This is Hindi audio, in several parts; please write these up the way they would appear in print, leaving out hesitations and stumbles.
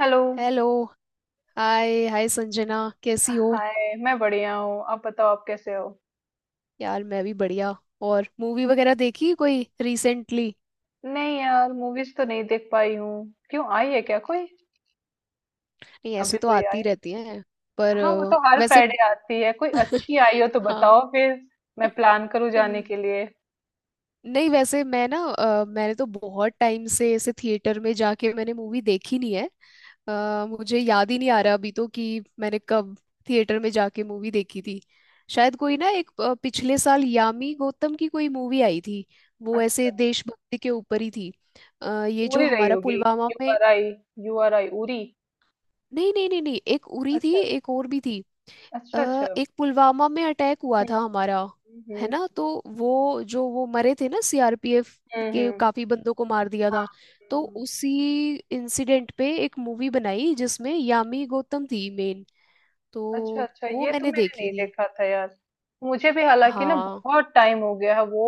Hello. Hello. Hi hi Sanjana, कैसी हो? हाय, मैं बढ़िया हूँ। आप बताओ, आप कैसे हो? यार मैं भी बढ़िया। और मूवी वगैरह देखी कोई रिसेंटली? नहीं यार, मूवीज तो नहीं देख पाई हूँ। क्यों, आई है क्या कोई? नहीं ऐसे अभी तो कोई आती आई? रहती हैं। पर हाँ, वो तो हर वैसे, फ्राइडे आती है। कोई अच्छी आई हो तो हाँ। बताओ फिर, मैं प्लान करूँ जाने के लिए। नहीं वैसे मैं ना मैंने तो बहुत टाइम से ऐसे थिएटर में जाके मैंने मूवी देखी नहीं है। मुझे याद ही नहीं आ रहा अभी तो कि मैंने कब थिएटर में जाके मूवी देखी थी। शायद कोई ना एक पिछले साल यामी गौतम की कोई मूवी आई थी। वो अच्छा, ऐसे देशभक्ति के ऊपर ही थी। ये जो उरी रही हमारा होगी। पुलवामा यू में, R I. U R I, Uri. नहीं नहीं नहीं नहीं, एक उरी थी अच्छा, एक और भी थी। अच्छा अच्छा। एक पुलवामा में अटैक हुआ हम्म था हमारा, है हम्म। ना? तो वो जो वो मरे थे ना, सीआरपीएफ हम्म के हम्म, काफी बंदों को मार दिया हाँ। था। हम्म, तो हम्म। उसी इंसिडेंट पे एक मूवी बनाई जिसमें यामी गौतम थी मेन। तो अच्छा अच्छा, वो ये तो मैंने मैंने देखी नहीं थी। देखा था यार। मुझे भी हालांकि ना हाँ, बहुत टाइम हो गया है। वो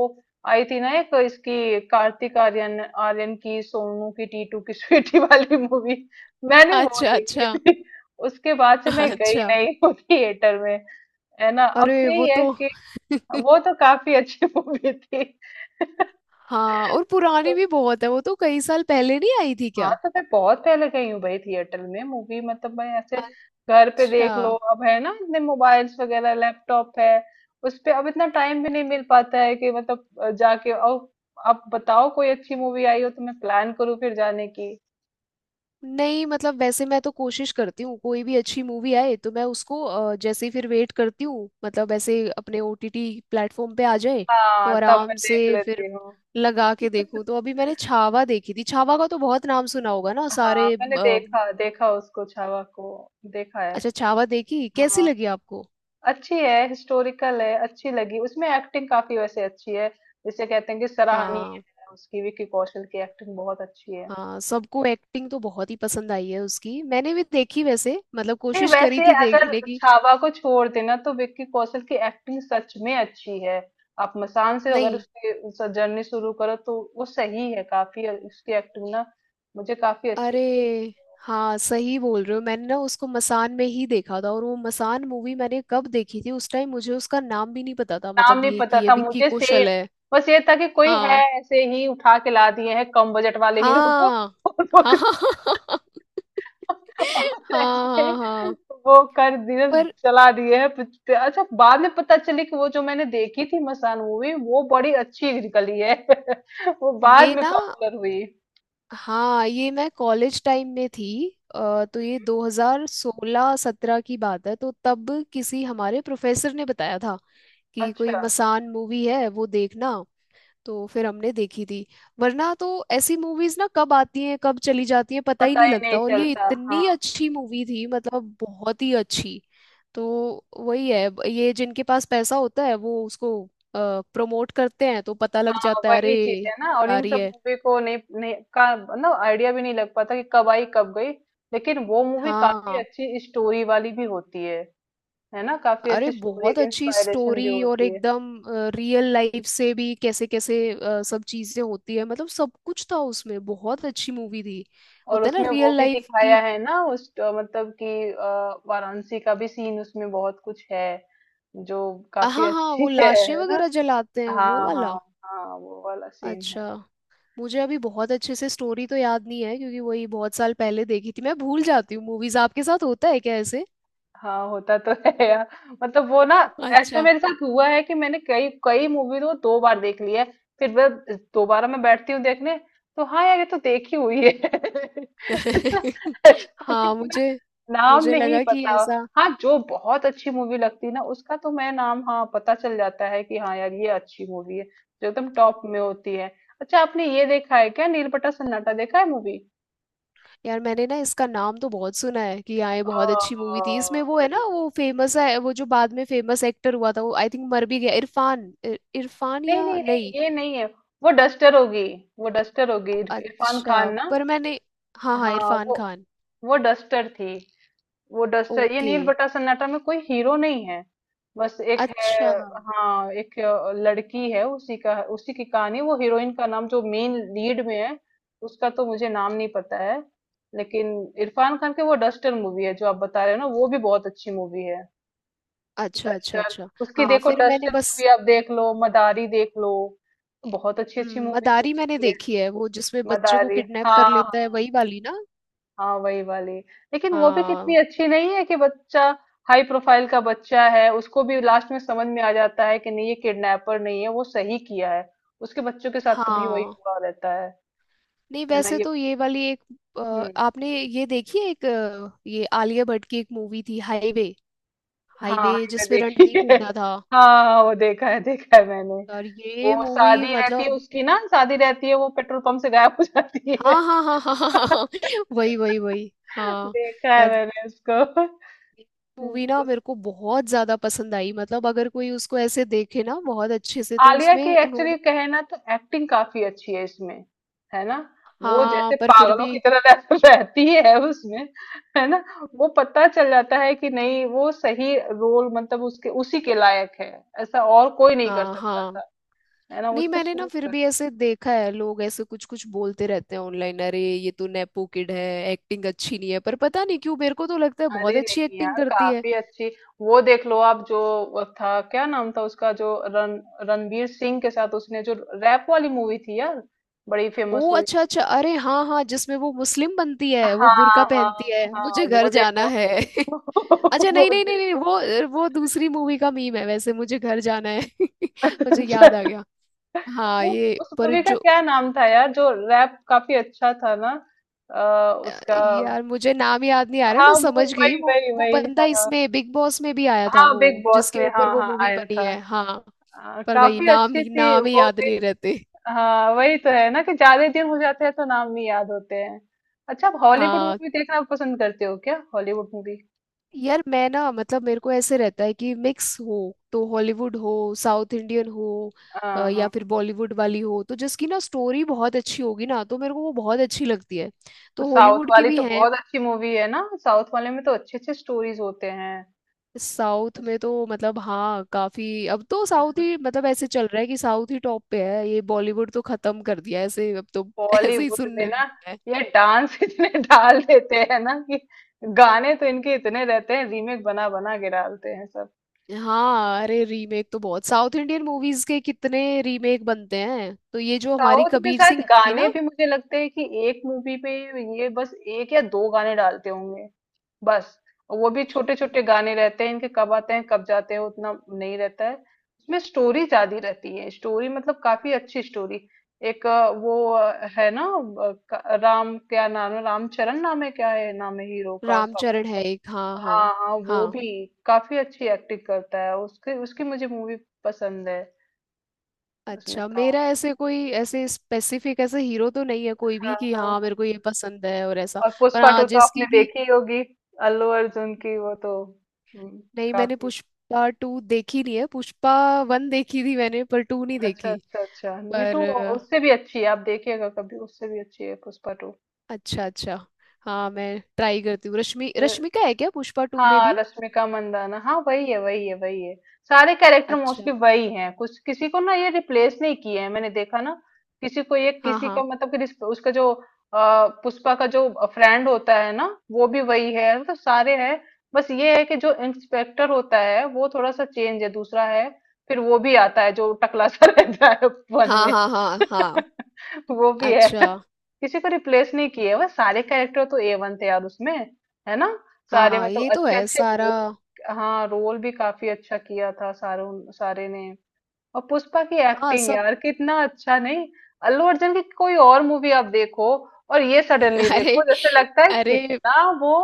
आई थी ना एक इसकी कार्तिक आर्यन आर्यन की, सोनू की टीटू की स्वीटी वाली मूवी। मैंने वो अच्छा देखी अच्छा थी। उसके बाद से मैं गई अच्छा। नहीं वो थिएटर में। है ना, अब अरे वो यही है तो कि वो तो काफी अच्छी मूवी थी। हाँ, और पुरानी तो भी बहुत है, वो तो कई साल पहले नहीं आई थी हाँ, क्या? तो मैं बहुत पहले गई हूँ भाई थिएटर में मूवी। मतलब मैं ऐसे घर पे अच्छा। देख लो अब, है ना, इतने मोबाइल्स वगैरह लैपटॉप है। उस पे अब इतना टाइम भी नहीं मिल पाता है कि मतलब जाके और। आप बताओ कोई अच्छी मूवी आई हो तो मैं प्लान करूँ फिर जाने की। नहीं मतलब वैसे मैं तो कोशिश करती हूँ कोई भी अच्छी मूवी आए तो मैं उसको जैसे ही फिर वेट करती हूँ मतलब ऐसे अपने ओटीटी प्लेटफॉर्म पे आ जाए तो हाँ तब मैं आराम देख से फिर लेती हूँ। लगा के देखूँ। तो अभी मैंने छावा देखी थी। छावा का तो बहुत नाम सुना होगा ना हाँ सारे मैंने देखा देखा उसको, छावा को देखा है। अच्छा, छावा देखी, कैसी हाँ लगी आपको? अच्छी है, हिस्टोरिकल है, अच्छी लगी। उसमें एक्टिंग काफी वैसे अच्छी है, जिसे कहते हैं कि सराहनीय हाँ है उसकी। विकी कौशल की एक्टिंग बहुत अच्छी है। हाँ, सबको एक्टिंग तो बहुत ही पसंद आई है उसकी, मैंने भी देखी वैसे मतलब, नहीं, कोशिश करी वैसे थी अगर देखने की। छावा को छोड़ देना तो विक्की कौशल की एक्टिंग सच में अच्छी है। आप मसान से अगर नहीं, उसकी जर्नी शुरू करो तो वो सही है काफी। और उसकी एक्टिंग ना मुझे काफी अच्छी अरे लगी। हाँ सही बोल रहे हो, मैंने ना उसको मसान में ही देखा था और वो मसान मूवी मैंने कब देखी थी उस टाइम मुझे उसका नाम भी नहीं पता था नाम मतलब नहीं ये कि पता ये था विक्की मुझे, सेम। कौशल है। बस ये था कि कोई है, हाँ ऐसे ही उठा के ला दिए हैं कम बजट वाले हीरो को हाँ हाँ हाँ हाँ हाँ ऐसे हाँ, हाँ, हाँ। वो कर दिए, पर चला दिए हैं पिक्चर। अच्छा, बाद में पता चली कि वो जो मैंने देखी थी मसान मूवी, वो बड़ी अच्छी निकली है। वो बाद ये में ना, पॉपुलर हुई। हाँ ये मैं कॉलेज टाइम में थी। तो ये 2016-17 की बात है, तो तब किसी हमारे प्रोफेसर ने बताया था कि कोई अच्छा। मसान मूवी है वो देखना। तो फिर हमने देखी थी। वरना तो ऐसी मूवीज ना कब आती हैं कब चली जाती हैं पता ही पता नहीं ही नहीं लगता, और ये चलता हाँ। इतनी अच्छी मूवी थी, मतलब बहुत ही अच्छी। तो वही है, ये जिनके पास पैसा होता है वो उसको प्रमोट करते हैं तो पता लग हाँ जाता है अरे वही चीज ये है ना, और आ इन रही सब है। मूवी को नहीं का ना आइडिया भी नहीं लग पाता कि कब आई कब गई। लेकिन वो मूवी काफी हाँ, अच्छी स्टोरी वाली भी होती है। है ना, काफी अरे अच्छी स्टोरी, बहुत अच्छी इंस्पायरेशन स्टोरी, भी और होती है। एकदम रियल लाइफ से भी कैसे कैसे सब चीजें होती है, मतलब सब कुछ था उसमें, बहुत अच्छी मूवी थी। और होता है उसमें ना वो रियल भी लाइफ की। दिखाया है ना उस मतलब कि वाराणसी का भी सीन। उसमें बहुत कुछ है जो हाँ काफी हाँ, अच्छी वो है लाशें है ना। वगैरह जलाते हैं वो हाँ वाला। हाँ, हाँ वो वाला सीन है। अच्छा। मुझे अभी बहुत अच्छे से स्टोरी तो याद नहीं है क्योंकि वही बहुत साल पहले देखी थी, मैं भूल जाती हूँ मूवीज, आपके साथ होता है क्या ऐसे? हाँ होता तो है यार। मतलब वो ना, ऐसा अच्छा। मेरे साथ हुआ है कि मैंने कई कई मूवी तो दो बार देख ली है। फिर मैं दोबारा मैं बैठती हूँ देखने, तो हाँ यार ये तो देखी हुई है। ऐसा हाँ particular मुझे, नाम मुझे नहीं लगा कि पता। ऐसा, हाँ जो बहुत अच्छी मूवी लगती है ना उसका तो मैं नाम, हाँ, पता चल जाता है कि हाँ यार ये अच्छी मूवी है, जो एकदम टॉप में होती है। अच्छा, आपने ये देखा है क्या, नीलबटा सन्नाटा देखा है मूवी? यार मैंने ना इसका नाम तो बहुत सुना है कि हाँ ये बहुत अच्छी मूवी आ, थी इसमें वो है बड़ी, ना, वो फेमस है वो जो बाद में फेमस एक्टर हुआ था, वो आई थिंक मर भी गया, इरफान इरफान नहीं या नहीं, नहीं? नहीं ये नहीं है। वो डस्टर होगी। वो डस्टर होगी, इरफान अच्छा खान ना। पर मैंने, हाँ हाँ हाँ इरफान खान। वो डस्टर थी। वो डस्टर, ये ओके। नील बट्टा सन्नाटा में कोई हीरो नहीं है। बस एक है। अच्छा हाँ एक लड़की है, उसी का उसी की कहानी। वो हीरोइन का नाम जो मेन लीड में है उसका तो मुझे नाम नहीं पता है। लेकिन इरफान खान की वो डस्टर मूवी है जो आप बता रहे हो ना, वो भी बहुत अच्छी मूवी है, अच्छा अच्छा। डस्टर। अच्छा। उसकी हाँ देखो फिर मैंने डस्टर बस मूवी आप देख लो, मदारी देख लो। बहुत अच्छी अच्छी मूवीज मदारी मूवी मैंने की है। देखी है, वो जिसमें बच्चे को मदारी, किडनैप कर हाँ लेता है हाँ, वही वाली ना? हाँ वही वाली। लेकिन वो भी कितनी हाँ अच्छी नहीं है कि बच्चा हाई प्रोफाइल का बच्चा है, उसको भी लास्ट में समझ में आ जाता है कि नहीं ये किडनैपर नहीं है, वो सही किया है। उसके बच्चों के साथ तो भी वही हाँ। हुआ रहता है। नहीं है ना वैसे ये। तो ये वाली एक अ, हम्म। आपने ये देखी है एक ये आलिया भट्ट की एक मूवी थी हाईवे, हाँ हाईवे हाँ, ये मैं जिसमें देखी रणदीप है। हुड्डा था। हाँ हाँ, हाँ, वो देखा है मैंने। और ये वो मूवी शादी रहती है मतलब, उसकी ना, शादी रहती है, वो पेट्रोल पंप से गायब हो जाती है। हाँ हाँ हाँ हाँ हाँ हाँ, हाँ, वही वही वही हाँ। देखा है यार मैंने उसको। हम्म, मूवी ना मेरे को बहुत ज्यादा पसंद आई, मतलब अगर कोई उसको ऐसे देखे ना बहुत अच्छे से तो आलिया की उसमें उन्होंने, एक्चुअली कहे ना तो एक्टिंग काफी अच्छी है इसमें, है ना। वो हाँ जैसे पर फिर पागलों की भी, तरह रहती है उसमें, है ना। वो पता चल जाता है कि नहीं वो सही रोल, मतलब उसके उसी के लायक है। ऐसा और कोई नहीं कर हाँ सकता हाँ। था, है ना नहीं उस पे मैंने ना सूट फिर कर। भी ऐसे देखा है, लोग ऐसे कुछ कुछ बोलते रहते हैं ऑनलाइन अरे ये तो नेपो किड है, एक्टिंग अच्छी नहीं है, पर पता नहीं क्यों मेरे को तो लगता है बहुत अरे अच्छी नहीं एक्टिंग यार, करती है। काफी अच्छी। वो देख लो आप, जो वो था क्या नाम था उसका, जो रण, रणवीर सिंह के साथ उसने जो रैप वाली मूवी थी यार, बड़ी ओ फेमस हुई अच्छा अच्छा, थी। अरे हाँ हाँ, जिसमें वो मुस्लिम बनती है वो बुर्का हाँ पहनती है, हाँ, हाँ मुझे घर वो जाना देखो। है अच्छा नहीं बहुत नहीं नहीं नहीं, देखो। वो वो दूसरी मूवी का मीम है वैसे, मुझे घर जाना है मुझे अच्छा, याद आ गया। हाँ ये उस पर मूवी का जो क्या नाम था यार, जो रैप काफी अच्छा था ना? आ, अ, उसका। यार मुझे नाम याद नहीं आ रहा, हाँ मैं वो समझ गई वही वही वो वही बंदा हाँ। इसमें बिग बॉस में भी आया था, हाँ वो बिग बॉस जिसके में, हाँ ऊपर वो हाँ मूवी आया बनी था। है हाँ। आ, पर वही काफी नाम अच्छी थी नाम ही वो याद भी। नहीं रहते। हाँ वही तो है ना कि ज्यादा दिन हो जाते हैं तो नाम नहीं याद होते हैं। अच्छा, आप हॉलीवुड हाँ मूवी देखना पसंद करते हो क्या, हॉलीवुड मूवी? यार मैं ना मतलब मेरे को ऐसे रहता है कि मिक्स हो, तो हॉलीवुड हो, साउथ इंडियन हो, हाँ हाँ, या फिर बॉलीवुड वाली हो, तो जिसकी ना स्टोरी बहुत अच्छी होगी ना तो मेरे को वो बहुत अच्छी लगती है। तो तो साउथ हॉलीवुड की वाली भी तो है। बहुत अच्छी मूवी है ना। साउथ वाले में तो अच्छे अच्छे स्टोरीज होते हैं। साउथ में तो मतलब हाँ काफी, अब तो साउथ ही मतलब ऐसे चल रहा है कि साउथ ही टॉप पे है, ये बॉलीवुड तो खत्म कर दिया है ऐसे अब तो ऐसे ही बॉलीवुड में सुनने में ना आता है। ये डांस इतने डाल देते हैं ना कि, गाने तो इनके इतने रहते हैं, रीमेक बना बना के डालते हैं सब। हाँ अरे रीमेक तो बहुत, साउथ इंडियन मूवीज के कितने रीमेक बनते हैं, तो ये जो हमारी साउथ में कबीर शायद सिंह आई थी गाने ना। भी मुझे लगते हैं कि एक मूवी में ये बस एक या दो गाने डालते होंगे बस। वो भी छोटे अच्छा। छोटे गाने रहते हैं इनके, कब आते हैं कब जाते हैं उतना नहीं रहता है। उसमें स्टोरी ज्यादा रहती है, स्टोरी मतलब काफी अच्छी स्टोरी। एक वो है ना, राम क्या नाम है, रामचरण नाम है क्या है नाम है हीरो का। रामचरण है एक, हाँ हाँ हाँ हाँ, वो हाँ। भी काफी अच्छी एक्टिंग करता है। उसके उसकी मुझे मूवी पसंद है। उसमें अच्छा तो मेरा ऐसे कोई ऐसे स्पेसिफिक ऐसे हीरो तो नहीं है कोई हाँ भी कि हाँ हाँ हाँ। मेरे को ये पसंद है और ऐसा, और पर पुष्पा टू हाँ तो आपने जिसकी भी, देखी होगी, अल्लू अर्जुन की? वो तो हम्म, नहीं मैंने काफी। पुष्पा टू देखी नहीं है, पुष्पा वन देखी थी मैंने पर टू नहीं अच्छा देखी। अच्छा अच्छा, नहीं तो पर उससे भी अच्छी है, आप देखिएगा कभी, उससे भी अच्छी है पुष्पा अच्छा अच्छा। हाँ मैं ट्राई करती हूँ। टू। रश्मिका है क्या पुष्पा टू में हाँ भी? रश्मिका मंदाना, हाँ वही है वही है। सारे कैरेक्टर अच्छा। मोस्टली वही हैं, कुछ किसी को ना ये रिप्लेस नहीं किए हैं, मैंने देखा ना। किसी को ये हाँ किसी का हाँ मतलब कि उसका जो पुष्पा का जो फ्रेंड होता है ना, वो भी वही है, मतलब सारे हैं। बस ये है कि जो इंस्पेक्टर होता है वो थोड़ा सा चेंज है, दूसरा है। फिर वो भी आता है जो टकला सा रहता है वन हाँ में। हाँ हाँ हाँ वो भी है, अच्छा। किसी को रिप्लेस नहीं किए। बस सारे कैरेक्टर तो ए वन थे यार उसमें, है ना। सारे हाँ मतलब ये तो अच्छे है अच्छे सारा। रोल। हाँ रोल भी काफी अच्छा किया था सारों सारे ने। और पुष्पा की हाँ एक्टिंग सब यार, कितना अच्छा नहीं। अल्लू अर्जुन की कोई और मूवी आप देखो और ये सडनली देखो अरे जैसे लगता है अरे, कितना वो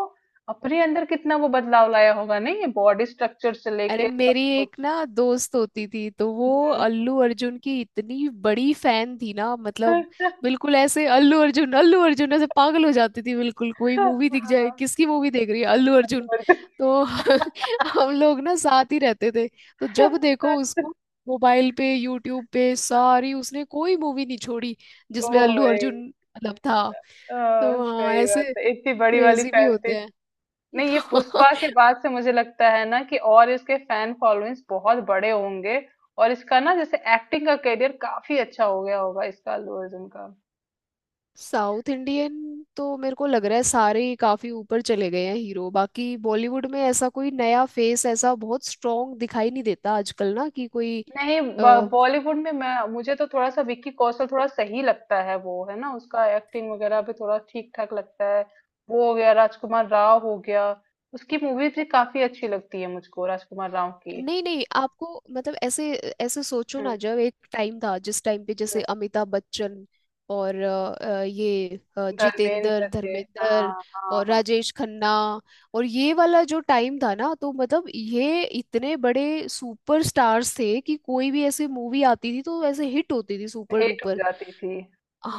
अपने अंदर कितना वो बदलाव लाया होगा। नहीं ये बॉडी स्ट्रक्चर से अरे लेके सब मेरी कुछ। एक ना दोस्त होती थी तो वो हम्म। अल्लू अर्जुन की इतनी बड़ी फैन थी ना मतलब, बिल्कुल ऐसे अल्लू अर्जुन अल्लू अर्जुन, ऐसे पागल हो जाती थी बिल्कुल, कोई मूवी दिख जाए हाँ, किसकी मूवी देख रही है, अल्लू अर्जुन। अर्जुन। तो हम लोग ना साथ ही रहते थे तो जब देखो उसको, मोबाइल पे यूट्यूब पे, सारी उसने कोई मूवी नहीं छोड़ी जिसमें ओ अल्लू भाई, अर्जुन मतलब था। आ, तो हाँ सही बात ऐसे है, इतनी बड़ी वाली क्रेजी भी फैन थी। होते हैं नहीं ये पुष्पा के बाद से मुझे लगता है ना कि और इसके फैन फॉलोइंग्स बहुत बड़े होंगे और इसका ना जैसे एक्टिंग का करियर काफी अच्छा हो गया होगा इसका, अल्लू अर्जुन का। साउथ इंडियन तो मेरे को लग रहा है सारे ही काफी ऊपर चले गए हैं हीरो, बाकी बॉलीवुड में ऐसा कोई नया फेस ऐसा बहुत स्ट्रॉन्ग दिखाई नहीं देता आजकल ना कि कोई, नहीं बॉलीवुड में मैं मुझे तो थोड़ा सा विक्की कौशल थोड़ा सही लगता है वो, है ना। उसका एक्टिंग वगैरह भी थोड़ा ठीक ठाक लगता है। वो हो गया, राजकुमार राव हो गया। उसकी मूवीज भी काफी अच्छी लगती है मुझको, राजकुमार राव की। नहीं नहीं आपको, मतलब ऐसे ऐसे सोचो ना हम्म। जब एक टाइम था जिस टाइम पे हम्म, जैसे अमिताभ बच्चन और ये जितेंद्र धर्मेंद्र थे, हाँ धर्मेंद्र हाँ और हाँ। राजेश खन्ना और ये वाला जो टाइम था ना, तो मतलब ये इतने बड़े सुपर स्टार्स थे कि कोई भी ऐसी मूवी आती थी तो ऐसे हिट होती थी सुपर हिट हो डुपर। जाती थी।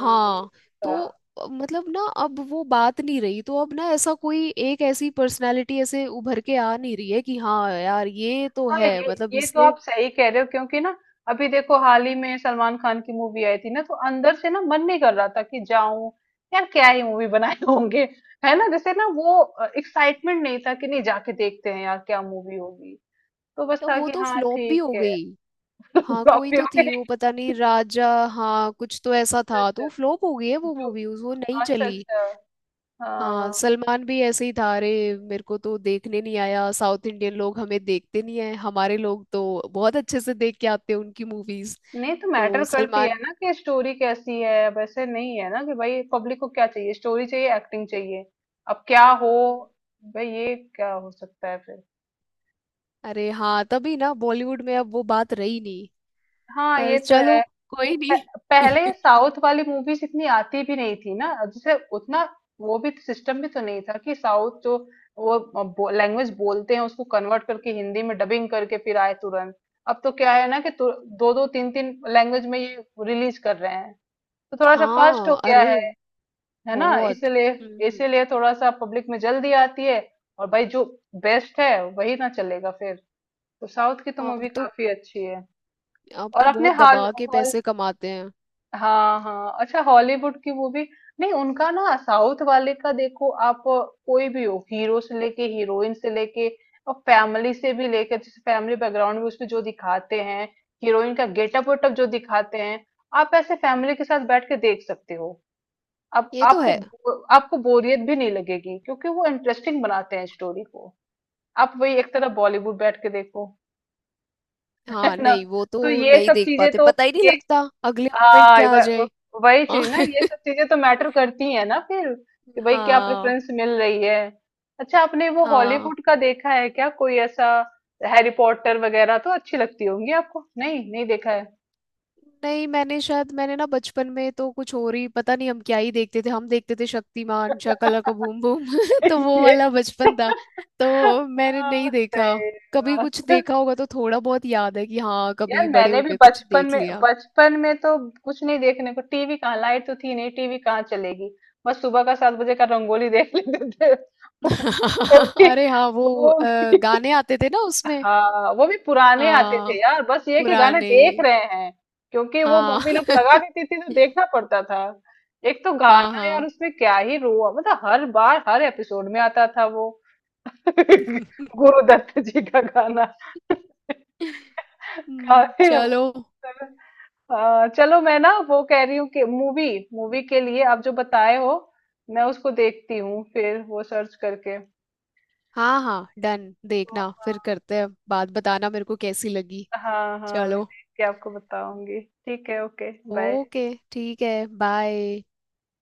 हाँ ये तो था। मतलब ना अब वो बात नहीं रही, तो अब ना ऐसा कोई एक ऐसी पर्सनालिटी ऐसे उभर के आ नहीं रही है कि हाँ यार ये तो हाँ है ये मतलब ये तो इसने, आप सही कह रहे हो, क्योंकि ना अभी देखो हाल ही में सलमान खान की मूवी आई थी ना, तो अंदर से ना मन नहीं कर रहा था कि जाऊं, यार क्या ही मूवी बनाए होंगे। है ना, जैसे ना वो एक्साइटमेंट नहीं था कि नहीं जाके देखते हैं यार क्या मूवी होगी। तो बस तो था वो कि तो हाँ फ्लॉप भी ठीक हो है। गई। हाँ कोई फ्लॉपी तो हो थी गई। वो पता नहीं राजा, हाँ कुछ तो ऐसा अच्छा था, तो अच्छा, फ्लॉप हो गई है वो जो, मूवी वो नहीं अच्छा चली। अच्छा, हाँ हाँ। सलमान भी ऐसे ही था अरे, मेरे को तो देखने नहीं आया, साउथ इंडियन लोग हमें देखते नहीं है, हमारे लोग तो बहुत अच्छे से देख के आते हैं उनकी मूवीज, नहीं तो तो मैटर करती है सलमान, ना कि स्टोरी कैसी है। वैसे नहीं है ना कि भाई पब्लिक को क्या चाहिए, स्टोरी चाहिए, एक्टिंग चाहिए। अब क्या हो भाई, ये क्या हो सकता है फिर। अरे हाँ, तभी ना बॉलीवुड में अब वो बात रही नहीं। हाँ पर ये तो चलो है। कोई नहीं। पहले साउथ वाली मूवीज इतनी आती भी नहीं थी ना जैसे उतना। वो भी सिस्टम भी तो नहीं था कि साउथ जो वो लैंग्वेज बोलते हैं उसको कन्वर्ट करके हिंदी में डबिंग करके फिर आए तुरंत। अब तो क्या है ना, कि दो दो तीन तीन लैंग्वेज में ये रिलीज कर रहे हैं, तो थोड़ा सा फास्ट हो हाँ गया अरे है ना। बहुत, इसीलिए हम्म हम्म। इसीलिए थोड़ा सा पब्लिक में जल्दी आती है। और भाई जो बेस्ट है वही ना चलेगा फिर। तो साउथ की तो मूवी अब तो, काफी अच्छी है। अब और तो अपने बहुत हॉल दबा के हॉल, पैसे कमाते हैं। हाँ हाँ, अच्छा हॉलीवुड की मूवी। नहीं उनका ना साउथ वाले का देखो, आप कोई भी हो, हीरो से लेके हीरोइन से लेके और फैमिली से भी लेकर। जैसे फैमिली बैकग्राउंड में उसमें जो दिखाते हैं, हीरोइन का गेटअप वेटअप जो दिखाते हैं, आप ऐसे फैमिली के साथ बैठ के देख सकते हो। अब ये तो आपको है। आपको बोरियत भी नहीं लगेगी, क्योंकि वो इंटरेस्टिंग बनाते हैं स्टोरी को। आप वही एक तरह बॉलीवुड बैठ के देखो। है हाँ ना, नहीं वो तो तो ये नहीं सब देख चीजें पाते, तो पता ही नहीं ये, लगता अगले मोमेंट हाँ क्या आ जाए। वही हाँ चीज ना, ये सब चीजें तो मैटर करती है ना फिर, कि भाई क्या हाँ प्रेफरेंस मिल रही है। अच्छा, आपने वो हाँ, हॉलीवुड का देखा है क्या कोई ऐसा, हैरी पॉटर वगैरह तो अच्छी लगती होंगी आपको? नहीं नहीं देखा है। नहीं मैंने शायद, मैंने ना बचपन में तो कुछ और ही पता नहीं, हम क्या ही देखते थे, हम देखते थे शक्तिमान, शाकाला का बूम बूम तो वो ये। वाला बचपन था। तो मैंने हाँ, नहीं देखा, सही कभी कुछ बात। देखा होगा तो थोड़ा बहुत याद है कि हाँ कभी यार बड़े मैंने भी होके कुछ बचपन देख में, लिया। बचपन में तो कुछ नहीं देखने को, टीवी कहाँ, लाइट तो थी नहीं, टीवी कहाँ चलेगी। बस सुबह का 7 बजे का रंगोली देख लेते थे वो भी। अरे हाँ वो वो भी गाने आते थे ना उसमें, हाँ वो भी पुराने आते हाँ थे यार, बस ये कि गाने पुराने। देख रहे हैं क्योंकि वो हाँ मम्मी लोग लगा देती थी तो देखना पड़ता था। एक तो हाँ गाना यार हाँ उसमें क्या ही रो, मतलब हर बार हर एपिसोड में आता था वो। गुरुदत्त जी का गाना। काफी है वो। चलो। चलो मैं ना वो कह रही हूँ कि मूवी, मूवी के लिए आप जो बताए हो मैं उसको देखती हूँ फिर, वो सर्च करके। हाँ हाँ डन, देखना फिर करते हैं बात, बताना मेरे को कैसी लगी। हाँ हाँ, मैं चलो देख के आपको बताऊंगी। ठीक है, ओके बाय। ओके, ठीक है बाय।